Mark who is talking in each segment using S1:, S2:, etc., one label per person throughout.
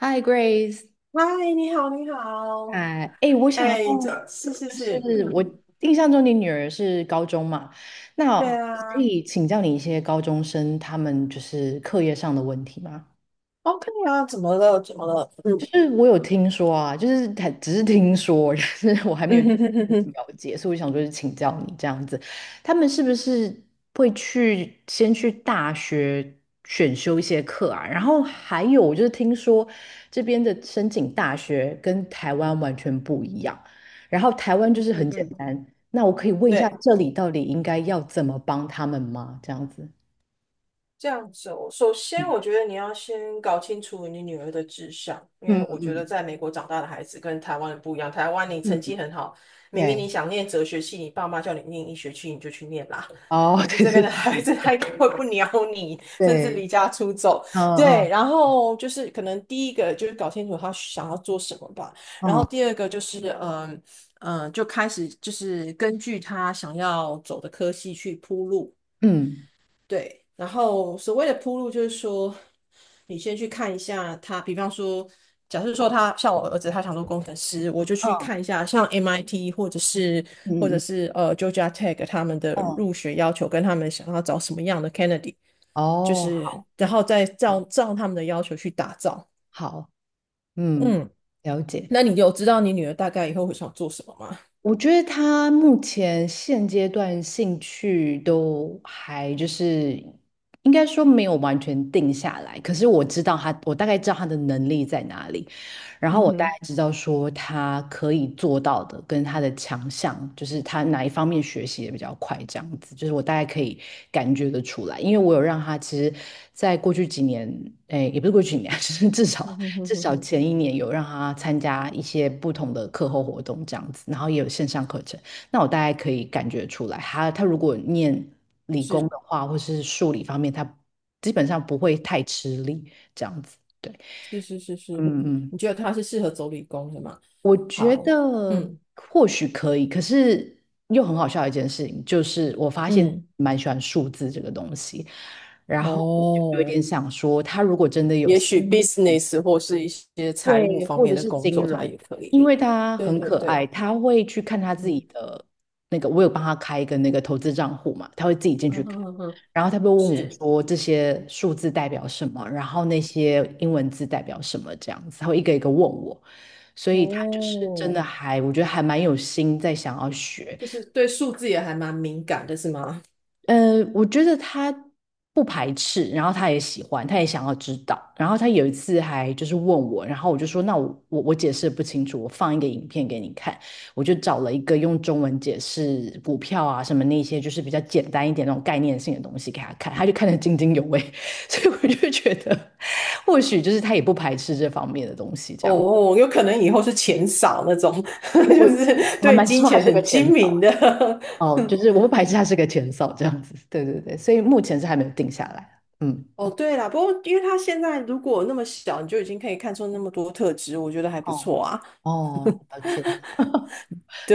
S1: Hi Grace，
S2: 嗨，你好，你好，
S1: 哎，哎，我想要，
S2: 哎，这是是
S1: 就
S2: 是，
S1: 是我
S2: 嗯，
S1: 印象中你女儿是高中嘛，那
S2: 对啊
S1: 可以请教你一些高中生他们就是课业上的问题吗？
S2: ，OK 啊，怎么了？怎么了？嗯
S1: 就是我有听说啊，就是他只是听说，就是我还没
S2: 嗯
S1: 有 去
S2: 嗯哼哼哼，
S1: 了解，所以我想说是请教你这样子，他们是不是会去先去大学选修一些课啊？然后还有我就是听说这边的申请大学跟台湾完全不一样，然后台湾就是
S2: 嗯
S1: 很简
S2: 嗯，
S1: 单，那我可以问一下
S2: 对，
S1: 这里到底应该要怎么帮他们吗？这样子，
S2: 这样子哦。首先我
S1: 嗯
S2: 觉得你要先搞清楚你女儿的志向，因为
S1: 嗯
S2: 我觉得
S1: 嗯
S2: 在美国长大的孩子跟台湾人不一样。台湾你成绩
S1: 嗯，
S2: 很好，明明
S1: 对，
S2: 你想念哲学系，你爸妈叫你念医学系，你就去念啦。
S1: 哦，
S2: 可 是
S1: 对
S2: 这边
S1: 对
S2: 的
S1: 对，
S2: 孩
S1: 没
S2: 子 他
S1: 错
S2: 根本不鸟你，甚至
S1: 对，
S2: 离家出走。
S1: 嗯
S2: 对，
S1: 嗯。
S2: 然后就是可能第一个就是搞清楚他想要做什么吧，然后
S1: 哦，
S2: 第二个就是就开始就是根据他想要走的科系去铺路。
S1: 嗯
S2: 对，然后所谓的铺路就是说，你先去看一下他，比方说，假设说他像我儿子，他想做工程师，我就去看
S1: 嗯
S2: 一下像 MIT 或者是或
S1: 嗯
S2: 者
S1: 嗯
S2: 是呃 Georgia Tech 他们的
S1: 嗯，
S2: 入学要求跟他们想要找什么样的 candidate,就
S1: 哦，
S2: 是然后再照他们的要求去打造。
S1: 好，嗯，
S2: 嗯，
S1: 了解。
S2: 那你有知道你女儿大概以后会想做什么吗？
S1: 我觉得他目前现阶段兴趣都还就是应该说没有完全定下来，可是我知道他，我大概知道他的能力在哪里，然后
S2: 嗯
S1: 我大概
S2: 哼，
S1: 知道说他可以做到的跟他的强项，就是他哪一方面学习的比较快，这样子，就是我大概可以感觉得出来，因为我有让他其实在过去几年，哎，也不是过去几年，就是至
S2: 嗯
S1: 少。
S2: 哼哼
S1: 至
S2: 哼
S1: 少
S2: 哼，
S1: 前一年有让他参加一些不同的课后活动这样子，然后也有线上课程。那我大概可以感觉出来，他如果念理工
S2: 是
S1: 的话，或是数理方面，他基本上不会太吃力这样子。对，
S2: 是是是是，
S1: 嗯嗯，
S2: 你觉得她是适合走理工的吗？
S1: 我觉
S2: 好。
S1: 得
S2: 嗯。
S1: 或许可以，可是又很好笑的一件事情，就是我发现
S2: 嗯，
S1: 蛮喜欢数字这个东西，然后我就有
S2: 哦，
S1: 点想说，他如果真的有
S2: 也
S1: 兴
S2: 许business 或是一些财务
S1: 对，
S2: 方
S1: 或者
S2: 面的
S1: 是
S2: 工
S1: 金
S2: 作，它
S1: 融，
S2: 也可
S1: 因
S2: 以。
S1: 为他
S2: 对
S1: 很
S2: 对
S1: 可爱，
S2: 对，
S1: 他会去看他自己
S2: 嗯，
S1: 的那个，我有帮他开一个那个投资账户嘛，他会自己进
S2: 嗯
S1: 去
S2: 嗯
S1: 看，
S2: 哼哼哼，
S1: 然后他会问我
S2: 是，
S1: 说这些数字代表什么，然后那些英文字代表什么这样子，他会一个一个问我，所以他就是真
S2: 哦，
S1: 的还，我觉得还蛮有心在想要学，
S2: 就是对数字也还蛮敏感的，是吗？
S1: 我觉得他不排斥，然后他也喜欢，他也想要知道。然后他有一次还就是问我，然后我就说，那我解释得不清楚，我放一个影片给你看。我就找了一个用中文解释股票啊什么那些，就是比较简单一点那种概念性的东西给他看，他就看得津津有味。所以我就觉得，或许就是他也不排斥这方面的东西，这
S2: 哦
S1: 样。
S2: 哦，有可能以后是钱少那种，就
S1: 我我
S2: 是
S1: 我还
S2: 对
S1: 蛮
S2: 金
S1: 希望他
S2: 钱
S1: 是个
S2: 很
S1: 前
S2: 精明的。
S1: 哦，就是我不排斥他是个前哨这样子，对对对，所以目前是还没有定下来，嗯。
S2: 哦，对啦，不过因为他现在如果那么小，你就已经可以看出那么多特质，我觉得还不
S1: 哦
S2: 错啊。
S1: 哦，了解，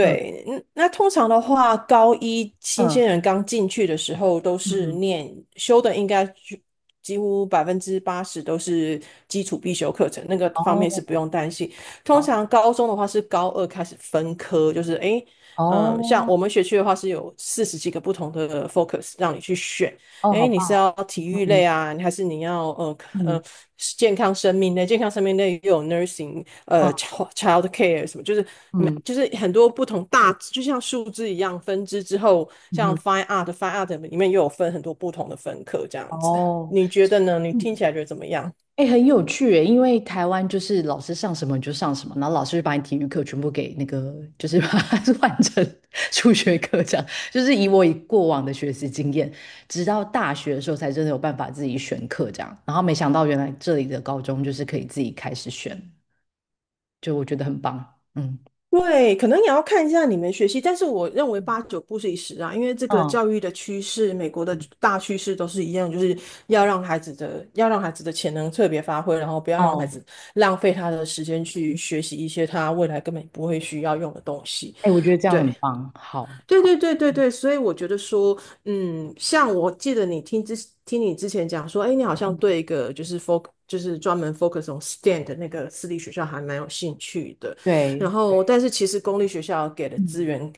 S1: 嗯
S2: 嗯那通常的话，高一新鲜
S1: 嗯
S2: 人刚进去的时候都
S1: 嗯
S2: 是
S1: 嗯，
S2: 念修的，应该就几乎80%都是基础必修课程，那个方面是不
S1: 哦
S2: 用担心。通
S1: 好，
S2: 常高中的话是高二开始分科，就是诶，嗯，像
S1: 哦
S2: 我们学区的话是有40 几个不同的 focus 让你去选，
S1: 哦，好
S2: 哎，你
S1: 棒
S2: 是要体
S1: 哦，
S2: 育
S1: 嗯
S2: 类啊，还是你要
S1: 嗯
S2: 呃健康生命类？健康生命类又有 nursing,
S1: 嗯
S2: child care 什么，就是每
S1: 嗯
S2: 就是很多不同大，就像树枝一样分支之后，
S1: 嗯
S2: 像
S1: 嗯，
S2: fine art 里面又有分很多不同的分科这样子。
S1: 哦，
S2: 你觉得呢？你
S1: 嗯，
S2: 听起来觉得怎么样？
S1: 哎，很有趣诶，因为台湾就是老师上什么你就上什么，然后老师就把你体育课全部给那个，就是把它 换成数学课这样，就是以我以过往的学习经验，直到大学的时候才真的有办法自己选课这样，然后没想到原来这里的高中就是可以自己开始选，就我觉得很棒，嗯。
S2: 对，可能也要看一下你们学习，但是我认为八九不离十啊，因为这个
S1: 嗯
S2: 教育的趋势，美国的
S1: 嗯
S2: 大趋势都是一样，就是要让孩子的要让孩子的潜能特别发挥，然后不要让孩
S1: 哦，
S2: 子浪费他的时间去学习一些他未来根本不会需要用的东西。
S1: 哎，我觉得这样很
S2: 对。
S1: 棒，好，
S2: 对对对对对，所以我觉得说，嗯，像我记得你听你之前讲说，哎，你好像
S1: 嗯，
S2: 对一个就是 focus 就是专门 focus on STEM 的那个私立学校还蛮有兴趣的，然
S1: 对对，
S2: 后但是其实公立学校给的资
S1: 嗯，
S2: 源，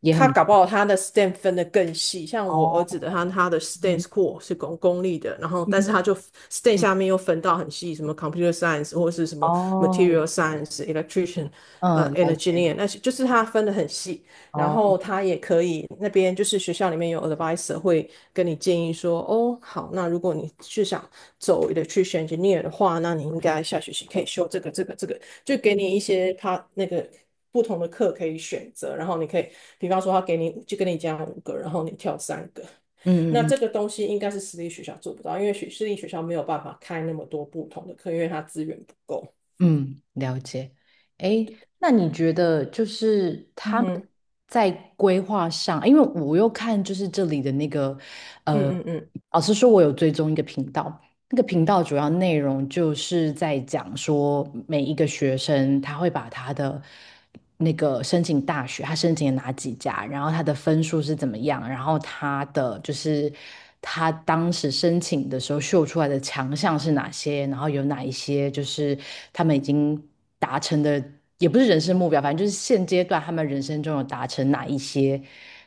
S1: 也
S2: 他
S1: 很
S2: 搞不好他的 STEM 分得更细，像我儿
S1: 哦，
S2: 子的他的 STEM
S1: 嗯
S2: school 是公立的，然后
S1: 嗯
S2: 但是他就 STEM
S1: 嗯，
S2: 下面又分到很细，什么 computer science 或是什么
S1: 哦，
S2: material science、electrician。
S1: 嗯，
S2: 呃
S1: 了解，
S2: ，engineer 那些就是他分得很细，然
S1: 哦，
S2: 后他也可以，那边就是学校里面有 advisor 会跟你建议说，哦，好，那如果你是想走 e l e c t r 的话，那你应该下学期可以修这个、这个、这个，就给你一些他那个不同的课可以选择，然后你可以，比方说他给你就跟你讲五个，然后你跳三个，那
S1: 嗯嗯嗯
S2: 这个东西应该是私立学校做不到，因为学私立学校没有办法开那么多不同的课，因为它资源不够。
S1: 嗯，了解。哎，那你觉得就是
S2: 嗯
S1: 他们
S2: 哼，
S1: 在规划上，因为我又看就是这里的那个，
S2: 嗯
S1: 呃，
S2: 嗯嗯。
S1: 老实说，我有追踪一个频道，那个频道主要内容就是在讲说，每一个学生他会把他的那个申请大学，他申请了哪几家，然后他的分数是怎么样，然后他的就是他当时申请的时候秀出来的强项是哪些，然后有哪一些就是他们已经。达成的，也不是人生目标，反正就是现阶段他们人生中有达成哪一些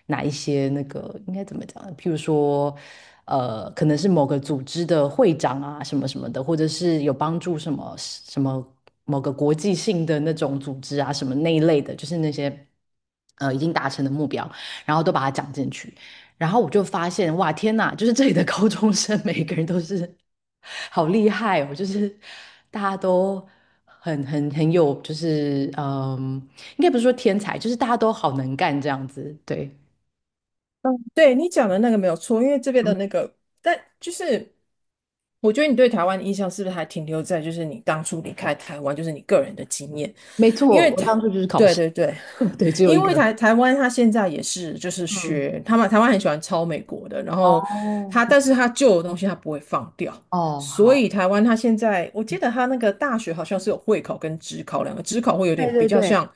S1: 哪一些那个应该怎么讲呢？譬如说，可能是某个组织的会长啊，什么什么的，或者是有帮助什么什么某个国际性的那种组织啊，什么那一类的，就是那些已经达成的目标，然后都把它讲进去。然后我就发现，哇，天呐，就是这里的高中生每个人都是好厉害哦，就是大家都很有，就是嗯，应该不是说天才，就是大家都好能干这样子。对，
S2: 嗯，对你讲的那个没有错，因为这边的
S1: 嗯，
S2: 那个，但就是我觉得你对台湾的印象是不是还停留在就是你当初离开台湾，就是你个人的经验？
S1: 没
S2: 因
S1: 错，
S2: 为
S1: 我
S2: 台，
S1: 当初就是考
S2: 对
S1: 试，
S2: 对对，
S1: 对，只有一
S2: 因为
S1: 个。
S2: 台湾它现在也是就是
S1: 嗯，
S2: 学他们台湾很喜欢抄美国的，然后它
S1: 哦，
S2: 但是它旧的东西它不会放掉，
S1: 哦，
S2: 所
S1: 好，
S2: 以台湾它现在我记得它那个大学好像是有会考跟职考两个，职考会有点
S1: 对
S2: 比
S1: 对
S2: 较
S1: 对，
S2: 像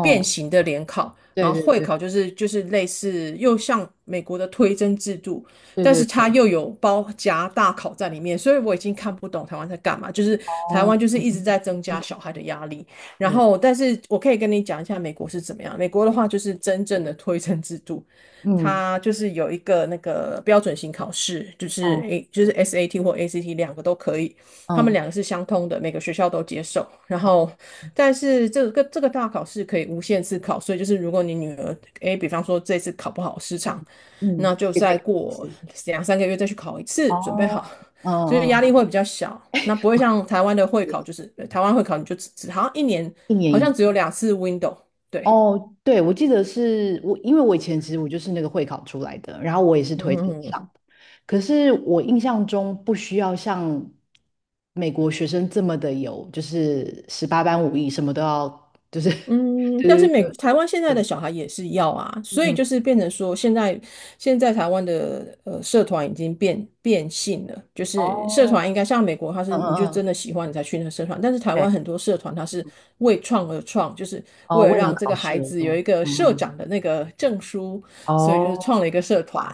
S2: 变形的联考，
S1: 对
S2: 然后
S1: 对
S2: 会
S1: 对
S2: 考就是就是类似又像美国的推甄制度，
S1: 对
S2: 但
S1: 对
S2: 是它
S1: 对，
S2: 又有包夹大考在里面，所以我已经看不懂台湾在干嘛，就是台
S1: 哦，
S2: 湾就是一直在增加
S1: 嗯，
S2: 小孩的压力。然
S1: 对，
S2: 后，但是我可以跟你讲一下美国是怎么样。美国的话，就是真正的推甄制度，
S1: 嗯，
S2: 它就是有一个那个标准型考试，就是
S1: 嗯
S2: A 就是 SAT 或 ACT 2 个都可以，他们
S1: 嗯，
S2: 两个是相通的，每个学校都接受。然
S1: 好，
S2: 后，但是这个大考试可以无限次考，所以就是如果你女儿 A,比方说这次考不好失
S1: 嗯
S2: 常，那
S1: 嗯，
S2: 就
S1: 可以再
S2: 再
S1: 考一
S2: 过
S1: 次。
S2: 2 3 个月再去考一次，准备
S1: 哦，
S2: 好。
S1: 嗯
S2: 就是压力
S1: 嗯，
S2: 会比较小，那不会像台湾的会考，就
S1: 也
S2: 是呃台湾会考你就只好像一年
S1: 一年
S2: 好
S1: 一次。
S2: 像只有2 次 window,对，
S1: 哦，对，我记得是我，因为我以前其实我就是那个会考出来的，然后我也是推
S2: 嗯
S1: 荐
S2: 嗯
S1: 上的，可是我印象中不需要像美国学生这么的有，就是十八般武艺，什么都要，就是
S2: 嗯，但是
S1: 对对对
S2: 美台湾现在
S1: 对，
S2: 的
S1: 对
S2: 小孩也是要啊，所以
S1: 嗯，
S2: 就是变成说现在现在台湾的呃社团已经变性了，就是社
S1: 哦，
S2: 团应该像美国，它是
S1: 嗯
S2: 你就
S1: 嗯嗯，
S2: 真的喜欢你才去那个社团，但是台湾
S1: 对，
S2: 很多社团它是为创而创，就是
S1: 哦，
S2: 为了
S1: 为了
S2: 让这
S1: 考
S2: 个
S1: 试
S2: 孩
S1: 而
S2: 子有
S1: 用，
S2: 一个社
S1: 嗯嗯，
S2: 长的那个证书，所以就
S1: 哦，
S2: 是创了一个社团。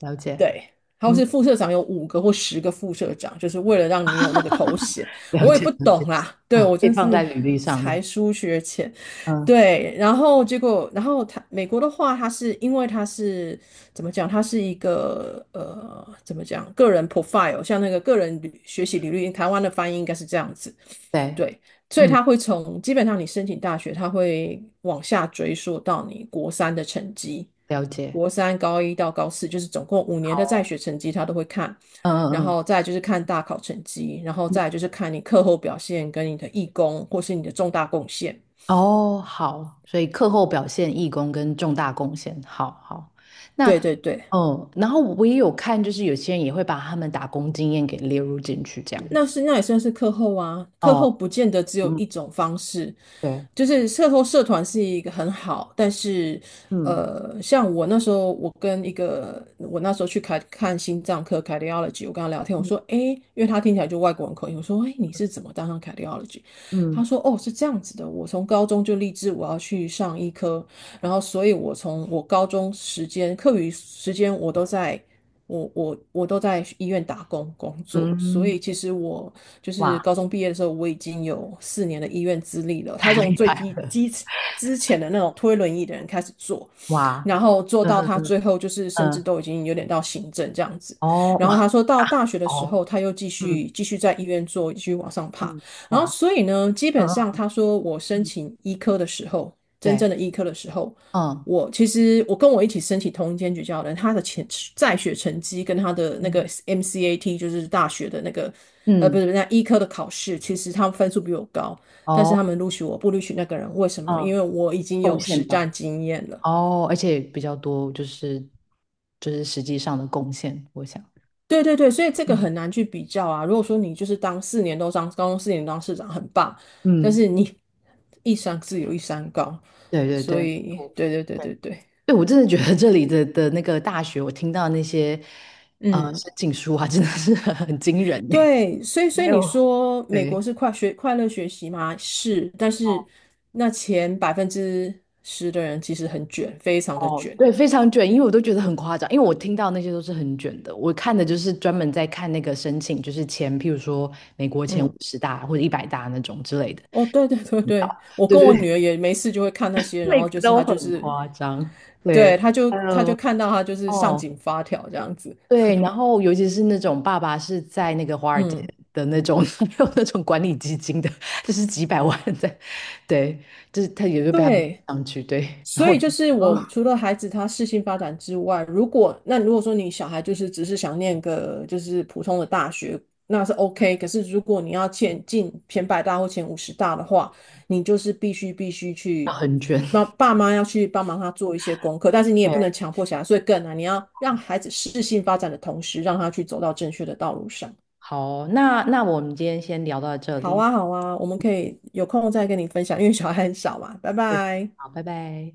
S1: 了
S2: 对，
S1: 解，
S2: 然后
S1: 嗯，
S2: 是副社长有5 个或 10 个副社长，就是为了让你有那个头衔。
S1: 了
S2: 我也
S1: 解
S2: 不
S1: 了解，
S2: 懂啦，对，
S1: 哦，
S2: 我
S1: 可以
S2: 真
S1: 放在
S2: 是
S1: 履历上的，
S2: 才疏学浅。
S1: 嗯，
S2: 对，然后结果，然后他美国的话，它是因为它是怎么讲？它是一个呃，怎么讲？个人 profile,像那个个人履学习履历，台湾的翻译应该是这样子。
S1: 对。
S2: 对，所以
S1: 嗯。
S2: 他会从基本上你申请大学，他会往下追溯到你国三的成绩。
S1: 了解。
S2: 国三、高一到高四，就是总共5 年的在
S1: 好
S2: 学成绩，他都会看。然
S1: 哦，嗯嗯
S2: 后再来就是看大考成绩，然后
S1: 嗯，
S2: 再来就是看你课后表现跟你的义工或是你的重大贡献。
S1: 哦，好，所以课后表现、义工跟重大贡献，好好。
S2: 对
S1: 那，
S2: 对对，
S1: 嗯，然后我也有看，就是有些人也会把他们打工经验给列入进去，这样
S2: 那
S1: 子。
S2: 是那也算是课后啊。课
S1: 哦，
S2: 后不见得只有
S1: 嗯，
S2: 一种方式，
S1: 对，
S2: 就是社团是一个很好，但是
S1: 嗯
S2: 呃，像我那时候，我跟一个我那时候去看看心脏科 cardiology,我跟他聊天，我
S1: 嗯
S2: 说，诶，因为他听起来就外国人口音，我说，诶，你是怎么当上 cardiology?他
S1: 嗯
S2: 说，哦，是这样子的，我从高中就立志我要去上医科，然后所以我从我高中时间课余时间我都在我都在医院打工工作，所
S1: 嗯，
S2: 以其实我就是
S1: 哇，
S2: 高中毕业的时候，我已经有四年的医院资历了。他
S1: 太
S2: 从
S1: 厉
S2: 最
S1: 害
S2: 基
S1: 了，
S2: 基之前的那种推轮椅的人开始做，
S1: 哇，
S2: 然后做
S1: 嗯
S2: 到他
S1: 嗯
S2: 最后就是甚至
S1: 嗯，
S2: 都已经有点到行政这样子。
S1: 哦，
S2: 然后
S1: 哇，
S2: 他说到大学的时
S1: 哦，
S2: 候，他又继
S1: 嗯
S2: 续继续在医院做，继续往上爬。
S1: 嗯，
S2: 然后
S1: 哇，
S2: 所以呢，基本上
S1: 嗯
S2: 他说我
S1: 嗯
S2: 申
S1: 嗯，
S2: 请医科的时候，真
S1: 对，
S2: 正的医科的时候。
S1: 嗯
S2: 我其实我跟我一起申请同一间学校的人，他的前在学成绩跟他的那
S1: 嗯
S2: 个 MCAT,就是大学的那个，呃，不
S1: 嗯，
S2: 是那医科的考试，其实他们分数比我高，但是
S1: 哦，
S2: 他们录取我不录取那个人，为什么？因
S1: 嗯，
S2: 为我已经
S1: 贡
S2: 有实
S1: 献
S2: 战
S1: 到。
S2: 经验了。
S1: 哦，而且比较多，就是就是实际上的贡献，我想，
S2: 对对对，所以这个
S1: 嗯
S2: 很难去比较啊。如果说你就是当四年都当高中四年当市长很棒，但
S1: 嗯，
S2: 是你 一山自有一山高，
S1: 对对
S2: 所
S1: 对，
S2: 以
S1: 我
S2: 对对对对
S1: 对
S2: 对，
S1: 对，我真的觉得这里的那个大学，我听到那些
S2: 嗯，
S1: 申请书啊，真的是很很惊人呢
S2: 对，所以所 以
S1: 还
S2: 你
S1: 有
S2: 说美国
S1: 对
S2: 是快学快乐学习吗？是，但是那前10%的人其实很卷，非常的
S1: 哦，
S2: 卷。
S1: 对，非常卷，因为我都觉得很夸张，因为我听到那些都是很卷的，我看的就是专门在看那个申请，就是前，譬如说美国前五
S2: 嗯，
S1: 十大或者100大那种之类的，
S2: 哦，对对对对，我
S1: 对
S2: 跟
S1: 对
S2: 我
S1: 对
S2: 女儿也没事就会看那 些，然
S1: 每
S2: 后
S1: 个
S2: 就是
S1: 都
S2: 她就
S1: 很
S2: 是，
S1: 夸张，
S2: 对，
S1: 对。
S2: 她就
S1: 还
S2: 她就
S1: 有
S2: 看到她就是上
S1: 哦，
S2: 紧发条这样子。
S1: 对，然后尤其是那种爸爸是在那个华尔街
S2: 嗯。
S1: 的那种，他没有那种管理基金的，就是几百万在，对，就是他也就被他们
S2: 对，
S1: 上去，对，然
S2: 所
S1: 后
S2: 以就是我除 了孩子他适性发展之外，如果说你小孩就是只是想念个就是普通的大学，那是 OK。可是如果你要前进前 100 大或前 50 大的话，你就是必须
S1: 要
S2: 去
S1: 很卷，
S2: 帮爸妈要去帮忙他做一些功课，但是你也
S1: 对，
S2: 不能强迫小孩，所以更难。你要让孩子适性发展的同时，让他去走到正确的道路上。
S1: 好，那那我们今天先聊到这
S2: 好
S1: 里，
S2: 啊，好啊，我们可以有空再跟你分享，因为小孩很少嘛。拜
S1: 对，
S2: 拜。
S1: 好，拜拜。